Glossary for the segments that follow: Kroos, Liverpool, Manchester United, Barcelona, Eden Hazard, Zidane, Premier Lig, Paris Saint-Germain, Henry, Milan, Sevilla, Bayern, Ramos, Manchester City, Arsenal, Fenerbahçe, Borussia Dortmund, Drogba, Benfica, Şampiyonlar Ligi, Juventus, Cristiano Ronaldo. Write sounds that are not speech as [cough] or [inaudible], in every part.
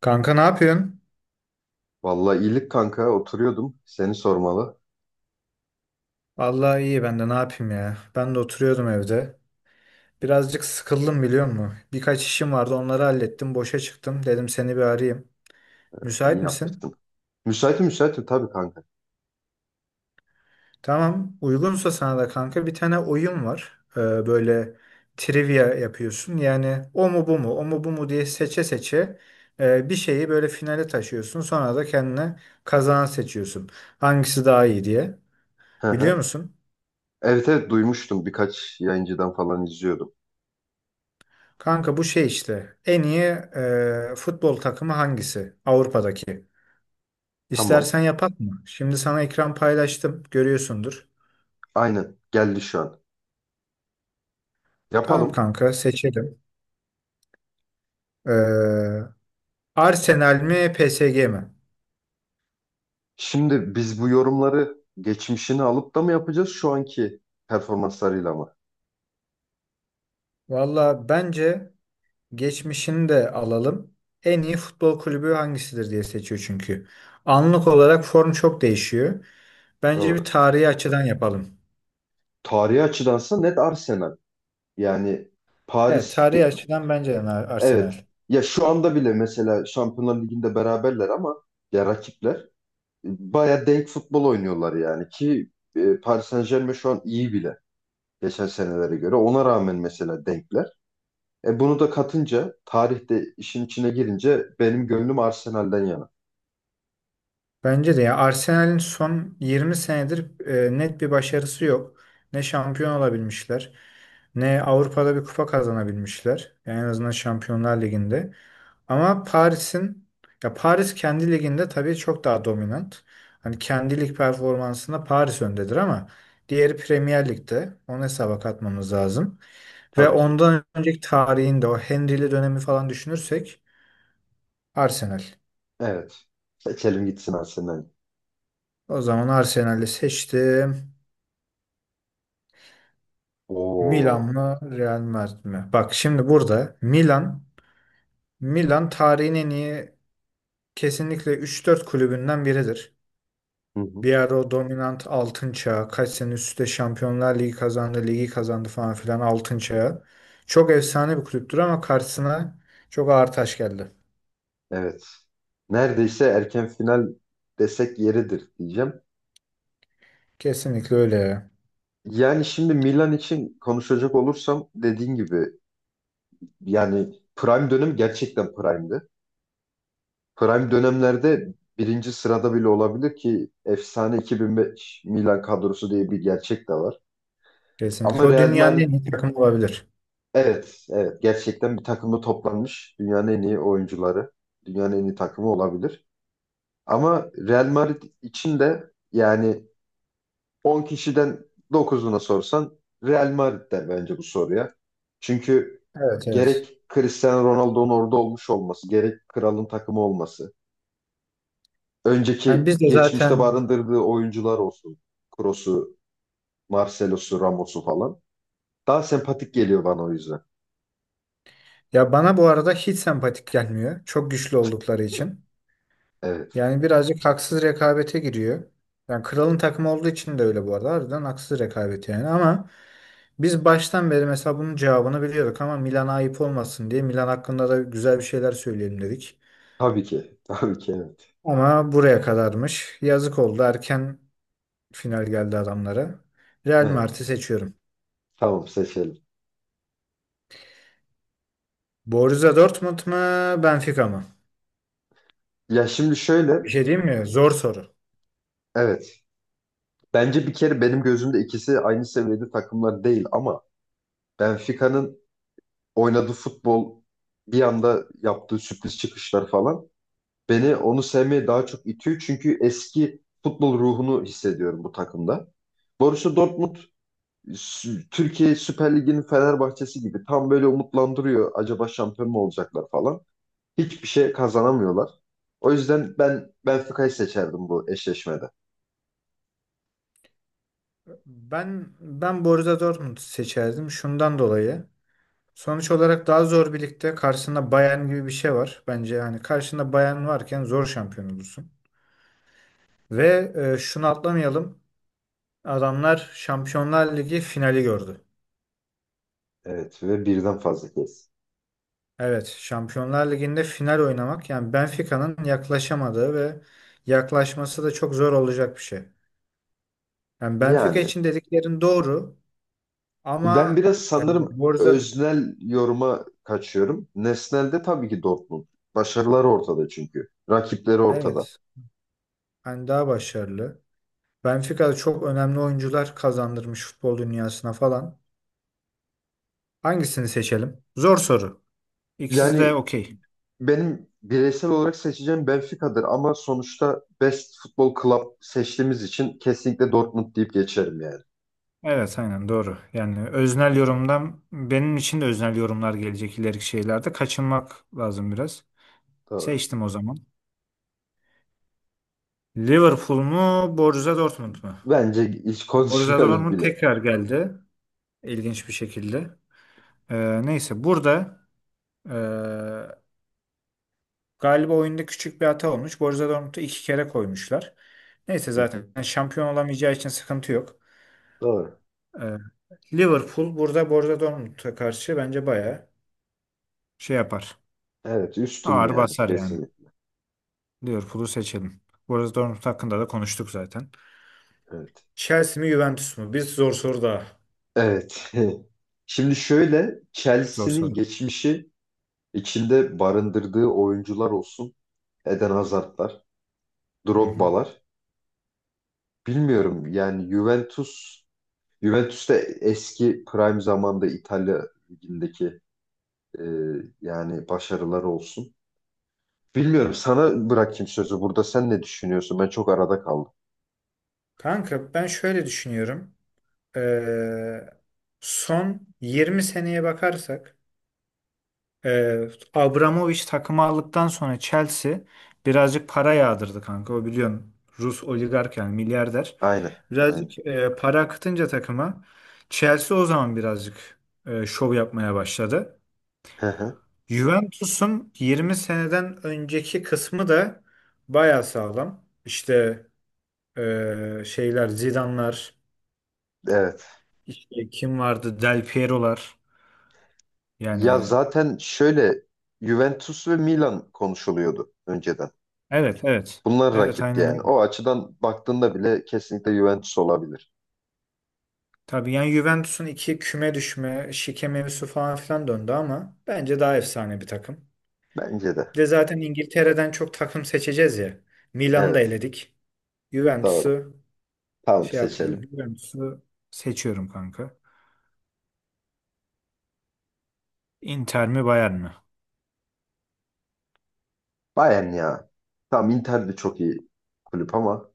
Kanka ne yapıyorsun? Vallahi iyilik kanka oturuyordum. Seni sormalı. Vallahi iyi ben de ne yapayım ya. Ben de oturuyordum evde. Birazcık sıkıldım biliyor musun? Birkaç işim vardı onları hallettim. Boşa çıktım. Dedim seni bir arayayım. İyi Müsait misin? yapmıştım. Müsaitim müsaitim tabii kanka. Tamam. Uygunsa sana da kanka bir tane oyun var. Böyle trivia yapıyorsun. Yani o mu bu mu? O mu bu mu diye seçe seçe bir şeyi böyle finale taşıyorsun. Sonra da kendine kazanan seçiyorsun. Hangisi daha iyi diye. Hı Biliyor hı. musun? Evet evet duymuştum. Birkaç yayıncıdan falan izliyordum. Kanka bu şey işte en iyi futbol takımı hangisi Avrupa'daki? Tamam. İstersen yapak mı? Şimdi sana ekran paylaştım görüyorsundur. Aynen geldi şu an. Tamam Yapalım. kanka seçelim. E, Arsenal mi PSG mi? Şimdi biz bu yorumları geçmişini alıp da mı yapacağız şu anki performanslarıyla mı? Valla bence geçmişini de alalım. En iyi futbol kulübü hangisidir diye seçiyor çünkü. Anlık olarak form çok değişiyor. Bence bir Doğru. tarihi açıdan yapalım. Tarihi açıdansa net Arsenal. Yani Evet Paris tarihi ge- açıdan bence de evet. Arsenal. Ya şu anda bile mesela Şampiyonlar Ligi'nde beraberler ama ya rakipler baya denk futbol oynuyorlar yani ki Paris Saint-Germain şu an iyi bile geçen senelere göre. Ona rağmen mesela denkler. Bunu da katınca tarihte işin içine girince benim gönlüm Arsenal'den yana. Bence de ya Arsenal'in son 20 senedir net bir başarısı yok. Ne şampiyon olabilmişler, ne Avrupa'da bir kupa kazanabilmişler. Yani en azından Şampiyonlar Ligi'nde. Ama Paris kendi liginde tabii çok daha dominant. Hani kendi lig performansında Paris öndedir ama diğeri Premier Lig'de. Onu hesaba katmamız lazım. Ve Tabii ki. ondan önceki tarihinde o Henry'li dönemi falan düşünürsek Arsenal. Evet. Seçelim gitsin Arsenal. O zaman Arsenal'i seçtim. Milan Oo. mı Real Madrid mi? Bak şimdi burada Milan tarihin en iyi kesinlikle üç dört kulübünden biridir. Hı hı. Bir ara o dominant altın çağı kaç sene üst üste Şampiyonlar Ligi kazandı, ligi kazandı falan filan altın çağı. Çok efsane bir kulüptür ama karşısına çok ağır taş geldi. Evet. Neredeyse erken final desek yeridir diyeceğim. Kesinlikle öyle ya. Yani şimdi Milan için konuşacak olursam dediğin gibi yani prime dönem gerçekten prime'di. Prime dönemlerde birinci sırada bile olabilir ki efsane 2005 Milan kadrosu diye bir gerçek de var. Kesinlikle. Ama O Real dünyanın Madrid en iyi takımı olabilir. evet evet gerçekten bir takımda toplanmış dünyanın en iyi oyuncuları, dünyanın en iyi takımı olabilir. Ama Real Madrid için de yani 10 kişiden dokuzuna sorsan Real Madrid der bence bu soruya. Çünkü Evet evet. gerek Cristiano Ronaldo'nun orada olmuş olması, gerek kralın takımı olması, Yani biz önceki de geçmişte zaten barındırdığı oyuncular olsun. Kroos'u, Marcelo'su, Ramos'u falan. Daha sempatik geliyor bana o yüzden. ya bana bu arada hiç sempatik gelmiyor. Çok güçlü oldukları için. Evet. Yani birazcık haksız rekabete giriyor. Yani kralın takımı olduğu için de öyle bu arada. Harbiden haksız rekabet yani ama biz baştan beri mesela bunun cevabını biliyorduk ama Milan'a ayıp olmasın diye Milan hakkında da güzel bir şeyler söyleyelim dedik. Tabii ki. [laughs] Tabii ki evet. Ama buraya kadarmış. Yazık oldu. Erken final geldi adamlara. Real Evet. Madrid'i seçiyorum. Tamam seçelim. Borussia Dortmund mu, Benfica mı? Ya şimdi şöyle. Bir şey diyeyim mi? Zor soru. Evet. Bence bir kere benim gözümde ikisi aynı seviyede takımlar değil ama Benfica'nın oynadığı futbol, bir anda yaptığı sürpriz çıkışlar falan beni onu sevmeye daha çok itiyor. Çünkü eski futbol ruhunu hissediyorum bu takımda. Borussia Dortmund Türkiye Süper Ligi'nin Fenerbahçesi gibi tam böyle umutlandırıyor. Acaba şampiyon mu olacaklar falan. Hiçbir şey kazanamıyorlar. O yüzden ben Benfica'yı seçerdim bu eşleşmede. Ben Borussia Dortmund seçerdim şundan dolayı. Sonuç olarak daha zor bir ligde karşısında Bayern gibi bir şey var. Bence yani karşında Bayern varken zor şampiyon olursun. Ve şunu atlamayalım. Adamlar Şampiyonlar Ligi finali gördü. Evet ve birden fazla kez. Evet, Şampiyonlar Ligi'nde final oynamak yani Benfica'nın yaklaşamadığı ve yaklaşması da çok zor olacak bir şey. Yani Benfica Yani için dediklerin doğru ben ama biraz yani sanırım Borussia öznel yoruma kaçıyorum. Nesnel'de tabii ki Dortmund. Başarıları ortada çünkü. Rakipleri ortada. evet, hani daha başarılı. Benfica'da çok önemli oyuncular kazandırmış futbol dünyasına falan. Hangisini seçelim? Zor soru. İkisi de Yani okey. benim bireysel olarak seçeceğim Benfica'dır ama sonuçta Best Futbol Club seçtiğimiz için kesinlikle Dortmund deyip geçerim yani. Evet aynen doğru. Yani öznel yorumdan benim için de öznel yorumlar gelecek ileriki şeylerde. Kaçınmak lazım biraz. Doğru. Seçtim o zaman. Liverpool mu Borussia Dortmund mu? Bence hiç Borussia konuşmayalım Dortmund bile. tekrar geldi. İlginç bir şekilde. Neyse burada ee, galiba oyunda küçük bir hata olmuş. Borussia Dortmund'u iki kere koymuşlar. Neyse Hı zaten hı. şampiyon olamayacağı için sıkıntı yok. Doğru. Ee, Liverpool burada Borussia Dortmund'a karşı bence bayağı şey yapar. Evet üstün Ağır yani basar yani. kesinlikle. Liverpool'u seçelim. Borussia Dortmund hakkında da konuştuk zaten. Evet. Chelsea mi Juventus mu? Bir zor soru daha. Evet. [laughs] Şimdi şöyle, Zor Chelsea'nin soru. geçmişi içinde barındırdığı oyuncular olsun. Eden Hazard'lar, Hı hı. Drogba'lar. Bilmiyorum yani Juventus, Juventus'te eski prime zamanda İtalya ligindeki Ee, yani başarılar olsun. Bilmiyorum, sana bırakayım sözü burada. Sen ne düşünüyorsun? Ben çok arada kaldım. Kanka ben şöyle düşünüyorum. Ee, Son 20 seneye bakarsak Ee, Abramovich takımı aldıktan sonra Chelsea birazcık para yağdırdı kanka. O biliyorsun Rus oligark yani milyarder. Aynen, aynen. Birazcık para akıtınca takıma Chelsea o zaman birazcık şov yapmaya başladı. Hı hı. Juventus'un 20 seneden önceki kısmı da baya sağlam. İşte şeyler Zidane'lar, Evet. işte kim vardı? Del Piero'lar. Ya Yani zaten şöyle Juventus ve Milan konuşuluyordu önceden. evet evet. Bunlar Evet rakipti aynen yani. öyle. O açıdan baktığında bile kesinlikle Juventus olabilir. Tabii yani Juventus'un iki küme düşme, şike mevzusu falan filan döndü ama bence daha efsane bir takım. Bence de. Bir de zaten İngiltere'den çok takım seçeceğiz ya. Milan'ı da Evet, eledik. doğru. Juventus'u Tamam şey yapmayalım. seçelim. Juventus'u seçiyorum kanka. Inter mi Bayern mi? Bayern ya. Tamam Inter de çok iyi kulüp ama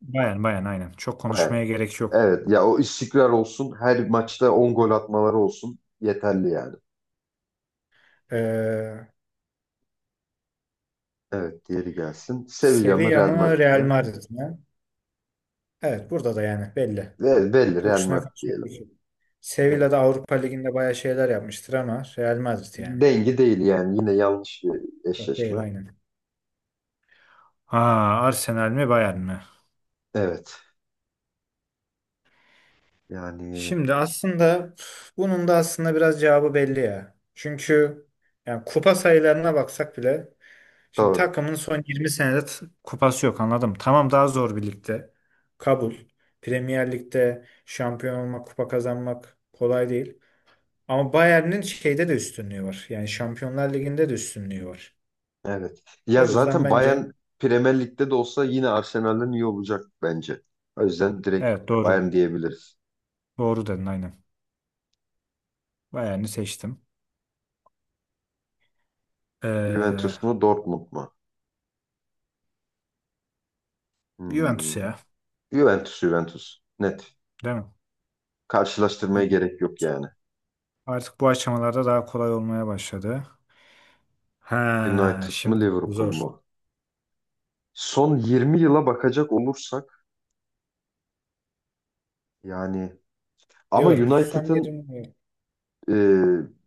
Bayern Bayern aynen. Çok Bayern. konuşmaya gerek yok. Evet ya o istikrar olsun. Her maçta 10 gol atmaları olsun. Yeterli yani. Ee, Evet, diğeri gelsin. Sevilla mı Sevilla Real mı Madrid Real mi? Madrid mi? Evet burada da yani belli. Ve belli Çok Real üstüne Madrid konuşmaya diyelim. gerek yok. Sevilla Evet. da Avrupa Ligi'nde bayağı şeyler yapmıştır ama Real Madrid yani. Dengi değil yani, yine yanlış bir Evet, değil eşleşme. aynen. Ha, Arsenal mi Bayern mi? Evet. Yani Şimdi aslında üf, bunun da aslında biraz cevabı belli ya. Çünkü yani kupa sayılarına baksak bile şimdi doğru. takımın son 20 senede kupası yok anladım. Tamam daha zor bir ligde. Kabul. Premier Lig'de şampiyon olmak, kupa kazanmak kolay değil. Ama Bayern'in şeyde de üstünlüğü var. Yani Şampiyonlar Ligi'nde de üstünlüğü var. Evet. Ya O yüzden zaten bence Bayern Premier Lig'de de olsa yine Arsenal'den iyi olacak bence. O yüzden direkt evet Bayern doğru. diyebiliriz. Doğru dedin aynen. Bayern'i seçtim. Juventus Ee, mu Dortmund mu? Juventus Hmm. ya. Juventus Juventus. Net. Değil mi? Karşılaştırmaya Hani gerek yok yani. artık bu aşamalarda daha kolay olmaya başladı. Ha, United mı şimdi bu Liverpool zor. mu? Son 20 yıla bakacak olursak yani... Ama Liverpool son United'ın yerini e,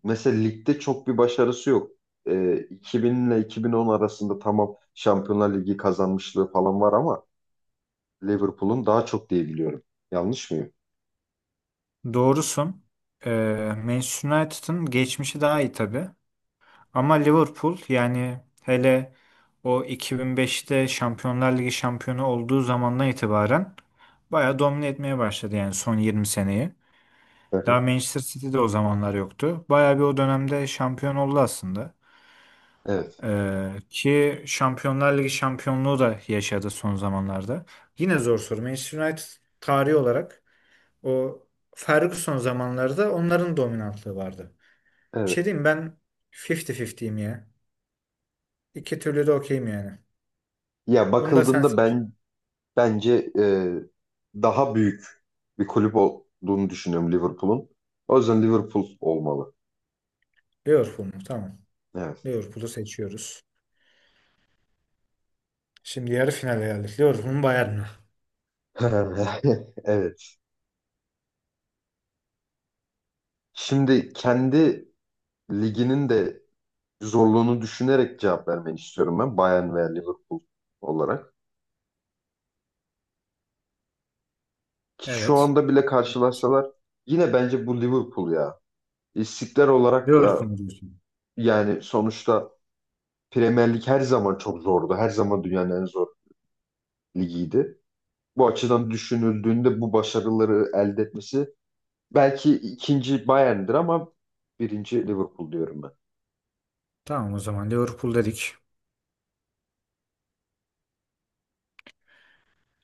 mesela ligde çok bir başarısı yok. 2000 ile 2010 arasında tamam Şampiyonlar Ligi kazanmışlığı falan var ama Liverpool'un daha çok diye biliyorum. Yanlış mıyım? Doğrusun. Manchester United'ın geçmişi daha iyi tabii. Ama Liverpool yani hele o 2005'te Şampiyonlar Ligi şampiyonu olduğu zamandan itibaren bayağı domine etmeye başladı yani son 20 seneyi. Hı Daha hı. Manchester City'de o zamanlar yoktu. Bayağı bir o dönemde şampiyon oldu aslında. Evet, Ki Şampiyonlar Ligi şampiyonluğu da yaşadı son zamanlarda. Yine zor soru. Manchester United tarihi olarak o Ferguson zamanlarda onların dominantlığı vardı. Bir şey evet. diyeyim mi? Ben 50-50'yim ya. İki türlü de okeyim yani. Ya Bunu da sen bakıldığında seç. ben bence daha büyük bir kulüp olduğunu düşünüyorum Liverpool'un. O yüzden Liverpool olmalı. Liverpool mu? Tamam. Evet. Liverpool'u seçiyoruz. Şimdi yarı finale geldik. Liverpool mu Bayern mi? [laughs] Evet. Şimdi kendi liginin de zorluğunu düşünerek cevap vermeni istiyorum ben. Bayern veya Liverpool olarak. Ki şu Evet. anda bile karşılaşsalar yine bence bu Liverpool ya. İstiklal olarak Liverpool da mu diyorsun? yani sonuçta Premier Lig her zaman çok zordu. Her zaman dünyanın en zor ligiydi. Bu açıdan düşünüldüğünde bu başarıları elde etmesi belki ikinci Bayern'dir ama birinci Liverpool diyorum ben. Tamam o zaman Liverpool dedik.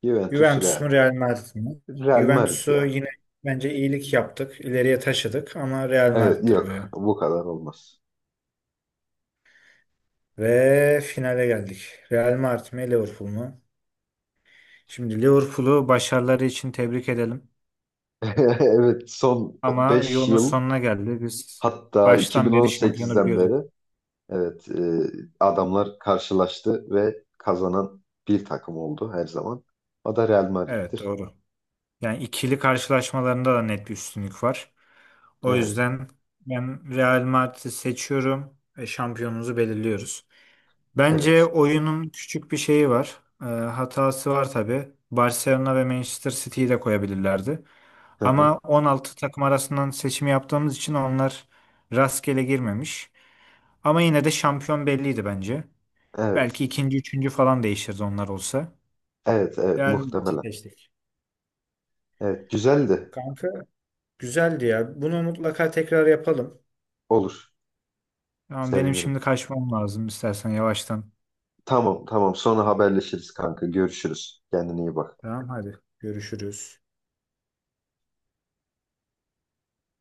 Juventus Juventus mu Real. Real Madrid mi? Real Madrid ya. Juventus'u yine bence iyilik yaptık. İleriye taşıdık ama Real Evet Madrid'dir bu yok ya. bu kadar olmaz. Ve finale geldik. Real Madrid mi Liverpool mu? Şimdi Liverpool'u başarıları için tebrik edelim. [laughs] Evet son Ama beş yolun yıl sonuna geldi. Biz hatta baştan beri şampiyonu 2018'den biliyorduk. beri evet adamlar karşılaştı ve kazanan bir takım oldu her zaman. O da Real Evet Madrid'dir. doğru. Yani ikili karşılaşmalarında da net bir üstünlük var. O Evet, yüzden ben Real Madrid'i seçiyorum ve şampiyonumuzu belirliyoruz. Bence evet. oyunun küçük bir şeyi var. Hatası var tabii. Barcelona ve Manchester City'yi de koyabilirlerdi. Hı hı. Ama 16 takım arasından seçimi yaptığımız için onlar rastgele girmemiş. Ama yine de şampiyon belliydi bence. Evet, Belki ikinci, üçüncü falan değişirdi onlar olsa. evet, evet Real Madrid'i muhtemelen. seçtik. Evet, güzeldi. Kanka güzeldi ya. Bunu mutlaka tekrar yapalım. Olur. Tamam benim Sevinirim. şimdi kaçmam lazım istersen yavaştan. Tamam, tamam. Sonra haberleşiriz kanka. Görüşürüz. Kendine iyi bak. Tamam hadi görüşürüz.